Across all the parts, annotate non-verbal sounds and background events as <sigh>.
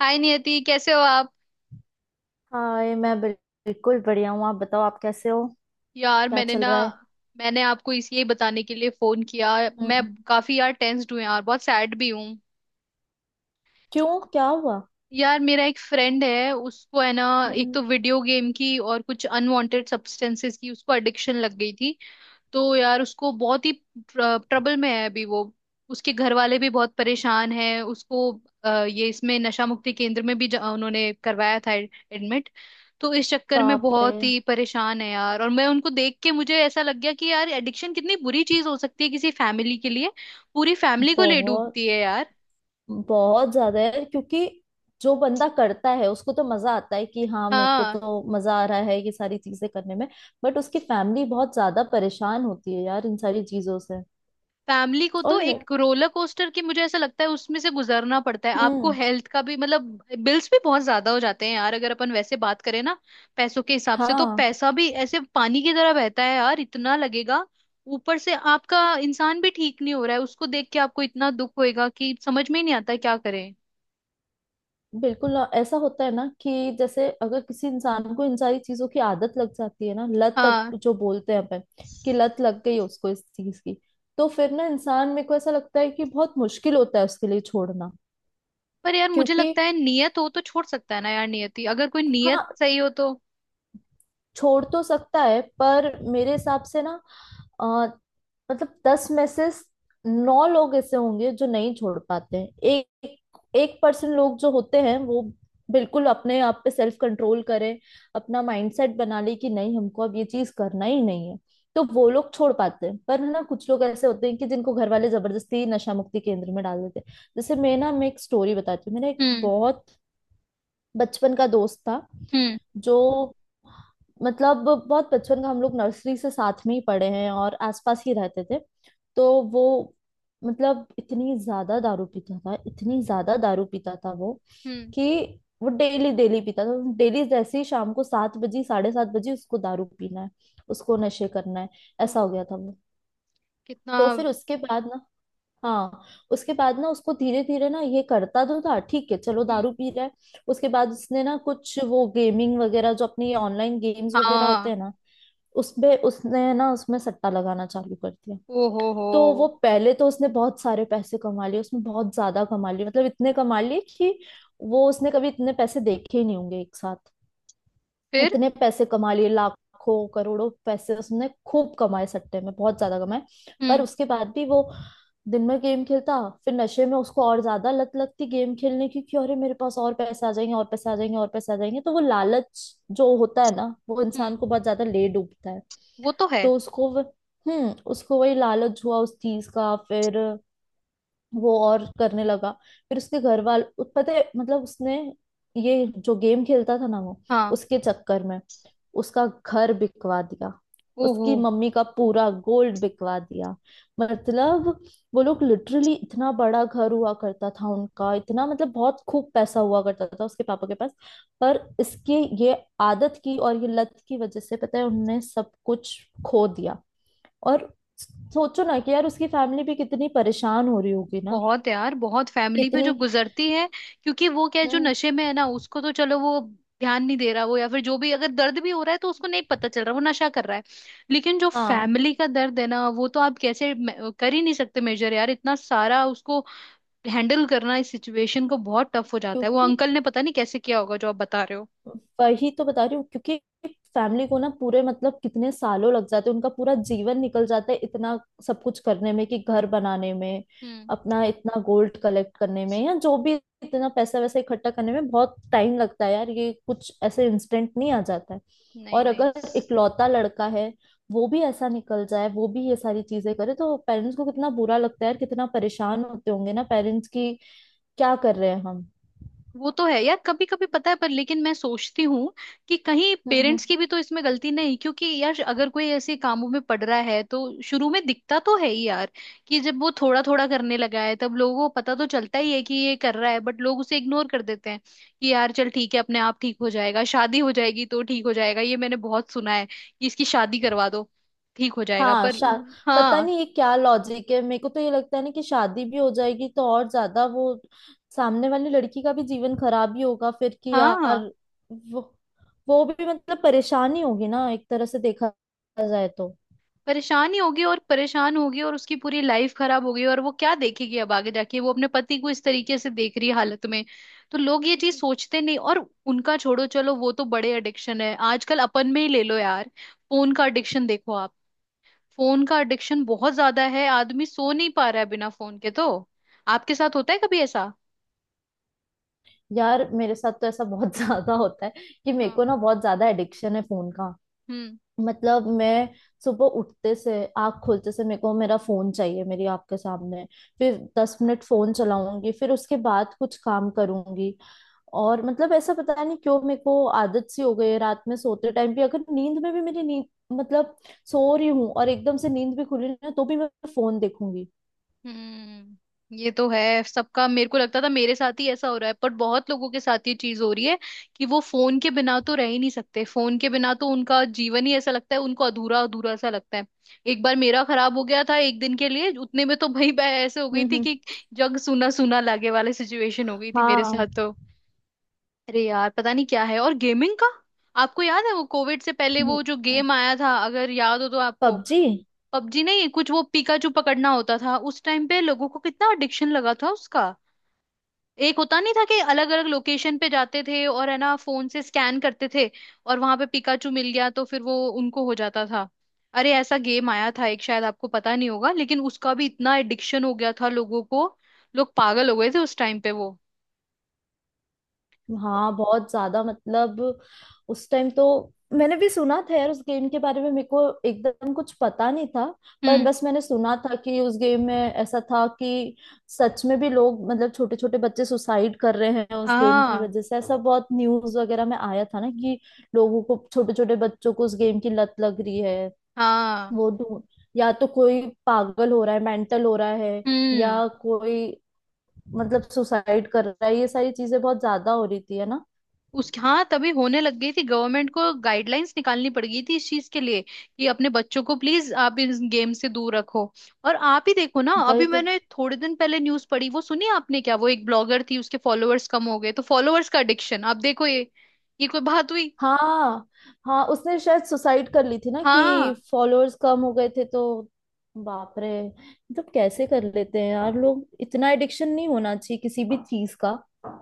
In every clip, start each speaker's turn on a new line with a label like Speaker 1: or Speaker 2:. Speaker 1: हाय नियति, कैसे हो आप?
Speaker 2: हाय मैं बिल्कुल बढ़िया हूँ। आप बताओ आप कैसे हो।
Speaker 1: यार
Speaker 2: क्या
Speaker 1: मैंने
Speaker 2: चल
Speaker 1: ना,
Speaker 2: रहा है।
Speaker 1: मैंने आपको इसलिए बताने के लिए फोन किया। मैं
Speaker 2: हम्म।
Speaker 1: काफी यार टेंस्ड हूँ यार, बहुत सैड भी हूँ।
Speaker 2: क्यों क्या हुआ।
Speaker 1: यार मेरा एक फ्रेंड है उसको, है ना, एक
Speaker 2: हम्म।
Speaker 1: तो वीडियो गेम की और कुछ अनवांटेड सब्सटेंसेस की उसको एडिक्शन लग गई थी। तो यार उसको बहुत ही ट्रबल में है अभी वो। उसके घर वाले भी बहुत परेशान हैं उसको। ये इसमें नशा मुक्ति केंद्र में भी उन्होंने करवाया था एडमिट। तो इस चक्कर में
Speaker 2: बाप रे।
Speaker 1: बहुत ही परेशान है यार। और मैं उनको देख के मुझे ऐसा लग गया कि यार एडिक्शन कितनी बुरी चीज हो सकती है किसी फैमिली के लिए। पूरी फैमिली को ले
Speaker 2: बहुत
Speaker 1: डूबती है यार।
Speaker 2: बहुत ज्यादा है क्योंकि जो बंदा करता है उसको तो मजा आता है कि हाँ मेरे को
Speaker 1: हाँ।
Speaker 2: तो मजा आ रहा है ये सारी चीजें करने में। बट उसकी फैमिली बहुत ज्यादा परेशान होती है यार इन सारी चीजों से।
Speaker 1: फैमिली को तो
Speaker 2: और मैं।
Speaker 1: एक रोलर कोस्टर की मुझे ऐसा लगता है उसमें से गुजरना पड़ता है आपको।
Speaker 2: हम्म।
Speaker 1: हेल्थ का भी मतलब बिल्स भी बहुत ज्यादा हो जाते हैं यार, अगर अपन वैसे बात करें ना। पैसों के हिसाब से तो
Speaker 2: हाँ।
Speaker 1: पैसा भी ऐसे पानी की तरह बहता है यार, इतना लगेगा। ऊपर से आपका इंसान भी ठीक नहीं हो रहा है, उसको देख के आपको इतना दुख होएगा कि समझ में ही नहीं आता क्या करें।
Speaker 2: बिल्कुल ना, ऐसा होता है ना कि जैसे अगर किसी इंसान को इन सारी चीजों की आदत लग जाती है ना लत तक
Speaker 1: हाँ।
Speaker 2: जो बोलते हैं अपन कि लत लग गई उसको इस चीज की। तो फिर ना इंसान मेरे को ऐसा लगता है कि बहुत मुश्किल होता है उसके लिए छोड़ना।
Speaker 1: पर यार मुझे
Speaker 2: क्योंकि
Speaker 1: लगता है नियत हो तो छोड़ सकता है ना यार। नियति, अगर कोई नियत
Speaker 2: हाँ
Speaker 1: सही हो तो।
Speaker 2: छोड़ तो सकता है पर मेरे हिसाब से ना। अ, मतलब 10 में से नौ लोग ऐसे होंगे जो नहीं छोड़ पाते हैं। एक एक परसेंट लोग जो होते हैं वो बिल्कुल अपने आप पे सेल्फ कंट्रोल करें। अपना माइंडसेट बना ले कि नहीं हमको अब ये चीज करना ही नहीं है। तो वो लोग छोड़ पाते हैं पर है ना कुछ लोग ऐसे होते हैं कि जिनको घर वाले जबरदस्ती नशा मुक्ति केंद्र में डाल देते हैं जैसे मैं ना मैं एक स्टोरी बताती हूँ। मेरा एक
Speaker 1: हम्म।
Speaker 2: बहुत बचपन का दोस्त था
Speaker 1: हम्म।
Speaker 2: जो मतलब बहुत बचपन का हम लोग नर्सरी से साथ में ही पढ़े हैं और आसपास ही रहते थे। तो वो मतलब इतनी ज्यादा दारू पीता था इतनी ज्यादा दारू पीता था वो
Speaker 1: हम्म।
Speaker 2: कि वो डेली डेली पीता था डेली जैसे ही शाम को 7 बजे 7:30 बजे उसको दारू पीना है। उसको नशे करना है। ऐसा
Speaker 1: ओहो,
Speaker 2: हो गया था वो।
Speaker 1: कितना!
Speaker 2: तो फिर उसके बाद ना। हाँ। उसके बाद ना उसको धीरे धीरे ना ये करता तो था ठीक है चलो
Speaker 1: हम्म।
Speaker 2: दारू पी रहा है। उसके बाद उसने ना कुछ वो गेमिंग वगैरह जो अपने ऑनलाइन गेम्स वगैरह होते हैं
Speaker 1: हाँ।
Speaker 2: ना उसमें उसने ना उसमें सट्टा लगाना चालू कर दिया।
Speaker 1: ओहो हो।
Speaker 2: तो वो पहले तो उसने बहुत सारे पैसे कमा लिए उसने बहुत ज्यादा कमा लिए मतलब इतने कमा लिए कि वो उसने कभी इतने पैसे देखे ही नहीं होंगे एक साथ।
Speaker 1: फिर?
Speaker 2: इतने पैसे कमा लिए लाखों करोड़ों पैसे उसने खूब कमाए सट्टे में बहुत ज्यादा कमाए। पर
Speaker 1: हम्म।
Speaker 2: उसके बाद भी वो दिन में गेम खेलता। फिर नशे में उसको और ज्यादा लत लगती गेम खेलने की कि अरे मेरे पास और पैसे आ जाएंगे और पैसे आ जाएंगे और पैसे आ जाएंगे तो वो लालच जो होता है ना वो इंसान
Speaker 1: हम्म।
Speaker 2: को बहुत ज्यादा ले डूबता है।
Speaker 1: वो तो है।
Speaker 2: तो उसको उसको वही लालच हुआ उस चीज का फिर वो और करने लगा। फिर उसके घर वाल पता है मतलब उसने ये जो गेम खेलता था ना वो
Speaker 1: हाँ।
Speaker 2: उसके चक्कर में उसका घर बिकवा दिया।
Speaker 1: ओहो।
Speaker 2: उसकी मम्मी का पूरा गोल्ड बिकवा दिया। मतलब वो लोग लिटरली इतना बड़ा घर हुआ करता था उनका इतना मतलब बहुत खूब पैसा हुआ करता था उसके पापा के पास। पर इसके ये आदत की और ये लत की वजह से पता है उनने सब कुछ खो दिया। और सोचो ना कि यार उसकी फैमिली भी कितनी परेशान हो रही होगी ना
Speaker 1: बहुत यार, बहुत फैमिली पे जो
Speaker 2: कितनी।
Speaker 1: गुजरती है। क्योंकि वो क्या है, जो
Speaker 2: हम्म।
Speaker 1: नशे में है ना, उसको तो चलो वो ध्यान नहीं दे रहा वो, या फिर जो भी अगर दर्द भी हो रहा है तो उसको नहीं पता चल रहा, वो नशा कर रहा है। लेकिन जो
Speaker 2: हाँ।
Speaker 1: फैमिली का दर्द है ना वो तो आप कैसे कर ही नहीं सकते मेजर। यार इतना सारा उसको हैंडल करना, इस सिचुएशन को, बहुत टफ हो जाता है। वो
Speaker 2: क्योंकि
Speaker 1: अंकल ने पता नहीं कैसे किया होगा जो आप बता रहे हो।
Speaker 2: वही तो बता रही हूँ क्योंकि फैमिली को ना पूरे मतलब कितने सालों लग जाते हैं उनका पूरा जीवन निकल जाता है इतना सब कुछ करने में कि घर बनाने में
Speaker 1: हम्म।
Speaker 2: अपना इतना गोल्ड कलेक्ट करने में या जो भी इतना पैसा वैसा इकट्ठा करने में बहुत टाइम लगता है यार। ये कुछ ऐसे इंस्टेंट नहीं आ जाता है।
Speaker 1: नहीं
Speaker 2: और
Speaker 1: नहीं।
Speaker 2: अगर इकलौता लड़का है वो भी ऐसा निकल जाए वो भी ये सारी चीजें करे तो पेरेंट्स को कितना बुरा लगता है यार कितना परेशान होते होंगे ना पेरेंट्स की क्या कर रहे हैं हम।
Speaker 1: वो तो है यार, कभी कभी पता है पर, लेकिन मैं सोचती हूँ कि कहीं
Speaker 2: हम्म।
Speaker 1: पेरेंट्स की भी तो इसमें गलती नहीं, क्योंकि यार अगर कोई ऐसे कामों में पड़ रहा है तो शुरू में दिखता तो है ही यार। कि जब वो थोड़ा थोड़ा करने लगा है तब लोगों को पता तो चलता ही है कि ये कर रहा है, बट लोग उसे इग्नोर कर देते हैं कि यार चल ठीक है, अपने आप ठीक हो जाएगा, शादी हो जाएगी तो ठीक हो जाएगा। ये मैंने बहुत सुना है कि इसकी शादी करवा दो, ठीक हो जाएगा,
Speaker 2: हाँ
Speaker 1: पर।
Speaker 2: शाद पता
Speaker 1: हाँ।
Speaker 2: नहीं ये क्या लॉजिक है मेरे को तो ये लगता है ना कि शादी भी हो जाएगी तो और ज्यादा वो सामने वाली लड़की का भी जीवन खराब ही होगा फिर कि
Speaker 1: हाँ,
Speaker 2: यार वो वो भी मतलब परेशानी होगी ना एक तरह से देखा जाए तो।
Speaker 1: परेशान ही होगी, और परेशान होगी, और उसकी पूरी लाइफ खराब होगी, और वो क्या देखेगी अब आगे जाके, वो अपने पति को इस तरीके से देख रही है हालत में। तो लोग ये चीज सोचते नहीं। और उनका छोड़ो, चलो वो तो बड़े एडिक्शन है, आजकल अपन में ही ले लो यार। फोन का एडिक्शन देखो आप। फोन का एडिक्शन बहुत ज्यादा है, आदमी सो नहीं पा रहा है बिना फोन के तो। आपके साथ होता है कभी ऐसा?
Speaker 2: यार मेरे साथ तो ऐसा बहुत <laughs> ज्यादा होता है कि मेरे
Speaker 1: हाँ।
Speaker 2: को ना बहुत ज्यादा एडिक्शन है फोन का।
Speaker 1: हम्म।
Speaker 2: मतलब मैं सुबह उठते से आँख खोलते से मेरे को मेरा फोन चाहिए मेरी आँख के सामने। फिर 10 मिनट फोन चलाऊंगी फिर उसके बाद कुछ काम करूंगी। और मतलब ऐसा पता नहीं क्यों मेरे को आदत सी हो गई है रात में सोते टाइम भी अगर नींद में भी मेरी नींद मतलब सो रही हूँ और एकदम से नींद भी खुली ना तो भी मैं फोन देखूंगी।
Speaker 1: हम्म। ये तो है सबका। मेरे को लगता था मेरे साथ ही ऐसा हो रहा है, पर बहुत लोगों के साथ ये चीज हो रही है कि वो फोन के बिना तो रह ही नहीं सकते। फोन के बिना तो उनका जीवन ही ऐसा लगता है उनको, अधूरा अधूरा सा लगता है। एक बार मेरा खराब हो गया था एक दिन के लिए, उतने में तो भाई मैं ऐसे हो गई थी
Speaker 2: हम्म।
Speaker 1: कि जग सूना सूना लागे वाली सिचुएशन हो गई थी मेरे साथ
Speaker 2: हाँ।
Speaker 1: तो। अरे यार पता नहीं क्या है। और गेमिंग का, आपको याद है वो कोविड से पहले वो जो गेम आया था, अगर याद हो तो आपको?
Speaker 2: पबजी।
Speaker 1: पबजी नहीं, कुछ वो पिकाचू पकड़ना होता था, उस टाइम पे लोगों को कितना एडिक्शन लगा था उसका। एक होता नहीं था कि अलग अलग लोकेशन पे जाते थे और है ना फोन से स्कैन करते थे, और वहां पे पिकाचू मिल गया तो फिर वो उनको हो जाता था। अरे ऐसा गेम आया था एक, शायद आपको पता नहीं होगा, लेकिन उसका भी इतना एडिक्शन हो गया था लोगों को। लोग पागल हो गए थे उस टाइम पे वो।
Speaker 2: हाँ बहुत ज्यादा मतलब उस टाइम तो मैंने भी सुना था यार उस गेम के बारे में। मेरे को एकदम कुछ पता नहीं था पर
Speaker 1: हम्म।
Speaker 2: बस मैंने सुना था कि उस गेम में ऐसा था कि सच में भी लोग मतलब छोटे छोटे बच्चे सुसाइड कर रहे हैं उस गेम की
Speaker 1: हाँ।
Speaker 2: वजह से ऐसा बहुत न्यूज वगैरह में आया था ना कि लोगों को छोटे छोटे बच्चों को उस गेम की लत लग रही है।
Speaker 1: हाँ।
Speaker 2: वो ढूंढ या तो कोई पागल हो रहा है मेंटल हो रहा है
Speaker 1: हम्म।
Speaker 2: या कोई मतलब सुसाइड कर रहा है ये सारी चीजें बहुत ज्यादा हो रही थी है ना।
Speaker 1: उस, हाँ तभी होने लग गई थी, गवर्नमेंट को गाइडलाइंस निकालनी पड़ गई थी इस चीज के लिए कि अपने बच्चों को प्लीज आप इस गेम से दूर रखो। और आप ही देखो ना,
Speaker 2: वही
Speaker 1: अभी
Speaker 2: तो।
Speaker 1: मैंने थोड़े दिन पहले न्यूज पढ़ी, वो सुनी आपने क्या? वो एक ब्लॉगर थी, उसके फॉलोअर्स कम हो गए तो, फॉलोअर्स का एडिक्शन आप देखो, ये कोई बात हुई?
Speaker 2: हाँ हाँ उसने शायद सुसाइड कर ली थी ना कि
Speaker 1: हाँ।
Speaker 2: फॉलोअर्स कम हो गए थे तो। बाप रे मतलब कैसे कर लेते हैं यार लोग इतना एडिक्शन नहीं होना चाहिए किसी भी चीज का।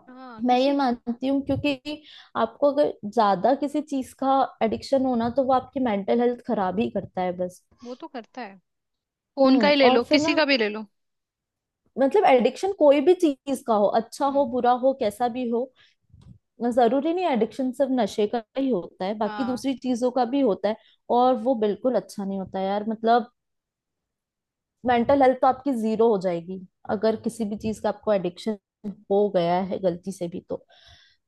Speaker 1: हाँ,
Speaker 2: मैं ये
Speaker 1: किसी।
Speaker 2: मानती हूँ क्योंकि आपको अगर ज्यादा किसी चीज का एडिक्शन होना तो वो आपकी मेंटल हेल्थ खराब ही करता है बस।
Speaker 1: वो तो करता है। फोन का
Speaker 2: हम्म।
Speaker 1: ही ले
Speaker 2: और
Speaker 1: लो,
Speaker 2: फिर
Speaker 1: किसी
Speaker 2: ना
Speaker 1: का भी ले लो।
Speaker 2: मतलब एडिक्शन कोई भी चीज का हो अच्छा हो
Speaker 1: हम्म।
Speaker 2: बुरा हो कैसा भी हो जरूरी नहीं एडिक्शन सिर्फ नशे का ही होता है बाकी
Speaker 1: हाँ,
Speaker 2: दूसरी चीजों का भी होता है। और वो बिल्कुल अच्छा नहीं होता है यार मतलब मेंटल हेल्थ तो आपकी जीरो हो जाएगी अगर किसी भी चीज का आपको एडिक्शन हो गया है गलती से भी तो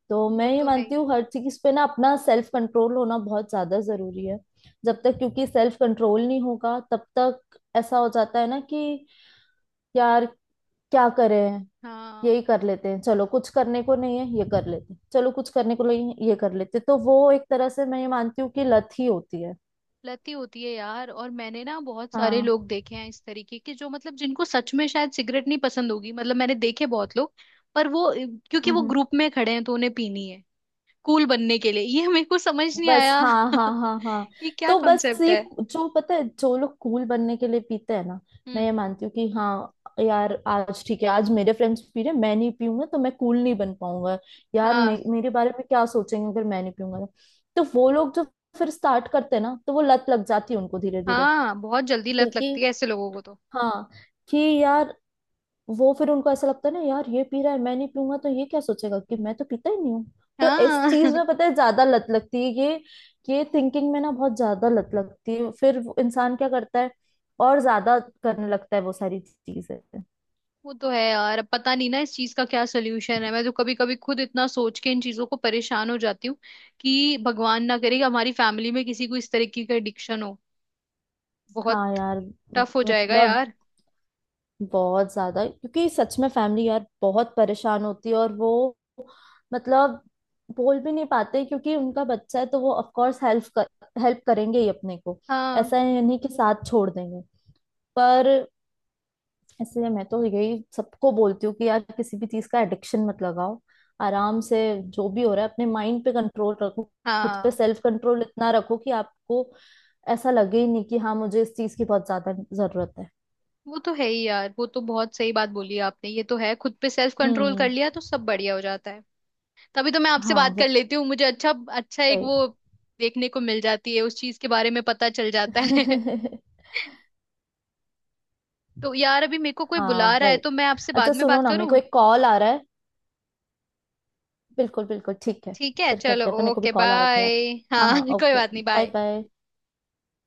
Speaker 2: तो
Speaker 1: वो
Speaker 2: मैं ये
Speaker 1: तो है
Speaker 2: मानती
Speaker 1: ही।
Speaker 2: हूँ हर चीज पे ना अपना सेल्फ कंट्रोल होना बहुत ज्यादा जरूरी है। जब तक क्योंकि सेल्फ कंट्रोल नहीं होगा तब तक ऐसा हो जाता है ना कि यार क्या करें
Speaker 1: हाँ,
Speaker 2: यही कर लेते हैं चलो कुछ करने को नहीं है ये कर लेते हैं चलो कुछ करने को नहीं है ये कर लेते हैं। तो वो एक तरह से मैं ये मानती हूँ कि लत ही होती है।
Speaker 1: लती होती है यार। और मैंने ना बहुत सारे
Speaker 2: हाँ।
Speaker 1: लोग देखे हैं इस तरीके के, जो मतलब जिनको सच में शायद सिगरेट नहीं पसंद होगी, मतलब मैंने देखे बहुत लोग, पर वो, क्योंकि वो
Speaker 2: हम्म।
Speaker 1: ग्रुप में खड़े हैं तो उन्हें पीनी है, कूल बनने के लिए। ये मेरे को समझ नहीं
Speaker 2: बस
Speaker 1: आया।
Speaker 2: हाँ
Speaker 1: <laughs>
Speaker 2: हाँ हाँ हाँ।
Speaker 1: ये क्या
Speaker 2: तो बस
Speaker 1: कॉन्सेप्ट
Speaker 2: ये
Speaker 1: है?
Speaker 2: जो पता है जो लोग कूल बनने के लिए पीते हैं ना मैं
Speaker 1: हम्म।
Speaker 2: ये मानती हूँ कि हाँ यार आज ठीक है आज मेरे फ्रेंड्स पी रहे हैं, मैं नहीं पीऊंगा तो मैं कूल नहीं बन पाऊंगा। यार
Speaker 1: हाँ,
Speaker 2: मेरे बारे में क्या सोचेंगे अगर मैं नहीं पीऊंगा तो। तो वो लोग जो फिर स्टार्ट करते हैं ना तो वो लत लग जाती है उनको धीरे धीरे।
Speaker 1: हाँ बहुत जल्दी लत लगती
Speaker 2: क्योंकि
Speaker 1: है ऐसे लोगों को तो।
Speaker 2: हाँ कि यार वो फिर उनको ऐसा लगता है ना यार ये पी रहा है मैं नहीं पीऊंगा तो ये क्या सोचेगा कि मैं तो पीता ही नहीं हूँ। तो इस
Speaker 1: हाँ।
Speaker 2: चीज
Speaker 1: <laughs>
Speaker 2: में पता है ज्यादा लत लगती है ये थिंकिंग में ना बहुत ज्यादा लत लगती है फिर वो इंसान क्या करता है और ज्यादा करने लगता है वो सारी चीजें।
Speaker 1: वो तो है यार, अब पता नहीं ना इस चीज का क्या सोल्यूशन है। मैं तो कभी कभी खुद इतना सोच के इन चीजों को परेशान हो जाती हूँ कि भगवान ना करे कि हमारी फैमिली में किसी को इस तरीके का एडिक्शन हो। बहुत
Speaker 2: हाँ यार
Speaker 1: टफ हो जाएगा
Speaker 2: मतलब
Speaker 1: यार।
Speaker 2: बहुत ज्यादा क्योंकि सच में फैमिली यार बहुत परेशान होती है और वो मतलब बोल भी नहीं पाते क्योंकि उनका बच्चा है तो वो ऑफ कोर्स हेल्प करेंगे ही अपने को।
Speaker 1: हाँ।
Speaker 2: ऐसा नहीं कि साथ छोड़ देंगे पर इसलिए मैं तो यही सबको बोलती हूँ कि यार किसी भी चीज का एडिक्शन मत लगाओ आराम से जो भी हो रहा है अपने माइंड पे कंट्रोल रखो। खुद पे
Speaker 1: हाँ,
Speaker 2: सेल्फ कंट्रोल इतना रखो कि आपको ऐसा लगे ही नहीं कि हाँ मुझे इस चीज की बहुत ज्यादा जरूरत है।
Speaker 1: वो तो है ही यार, वो तो बहुत सही बात बोली आपने, ये तो है, खुद पे सेल्फ कंट्रोल कर
Speaker 2: हम्म।
Speaker 1: लिया तो सब बढ़िया हो जाता है। तभी तो मैं आपसे बात कर
Speaker 2: हाँ
Speaker 1: लेती हूँ, मुझे अच्छा अच्छा एक
Speaker 2: वही।
Speaker 1: वो देखने को मिल जाती है, उस चीज के बारे में पता चल जाता है। <laughs>
Speaker 2: <laughs>
Speaker 1: तो यार अभी मेरे को कोई
Speaker 2: हाँ
Speaker 1: बुला रहा है,
Speaker 2: वही।
Speaker 1: तो मैं आपसे
Speaker 2: अच्छा
Speaker 1: बाद में
Speaker 2: सुनो
Speaker 1: बात
Speaker 2: ना मेरे
Speaker 1: करूँ?
Speaker 2: को एक कॉल आ रहा है बिल्कुल बिल्कुल ठीक है
Speaker 1: ठीक है,
Speaker 2: फिर
Speaker 1: चलो
Speaker 2: करते हैं पर मेरे को भी
Speaker 1: ओके
Speaker 2: कॉल आ रहा था
Speaker 1: बाय।
Speaker 2: यार। हाँ
Speaker 1: हाँ।
Speaker 2: हाँ
Speaker 1: <laughs> कोई
Speaker 2: ओके
Speaker 1: बात नहीं,
Speaker 2: बाय
Speaker 1: बाय।
Speaker 2: बाय।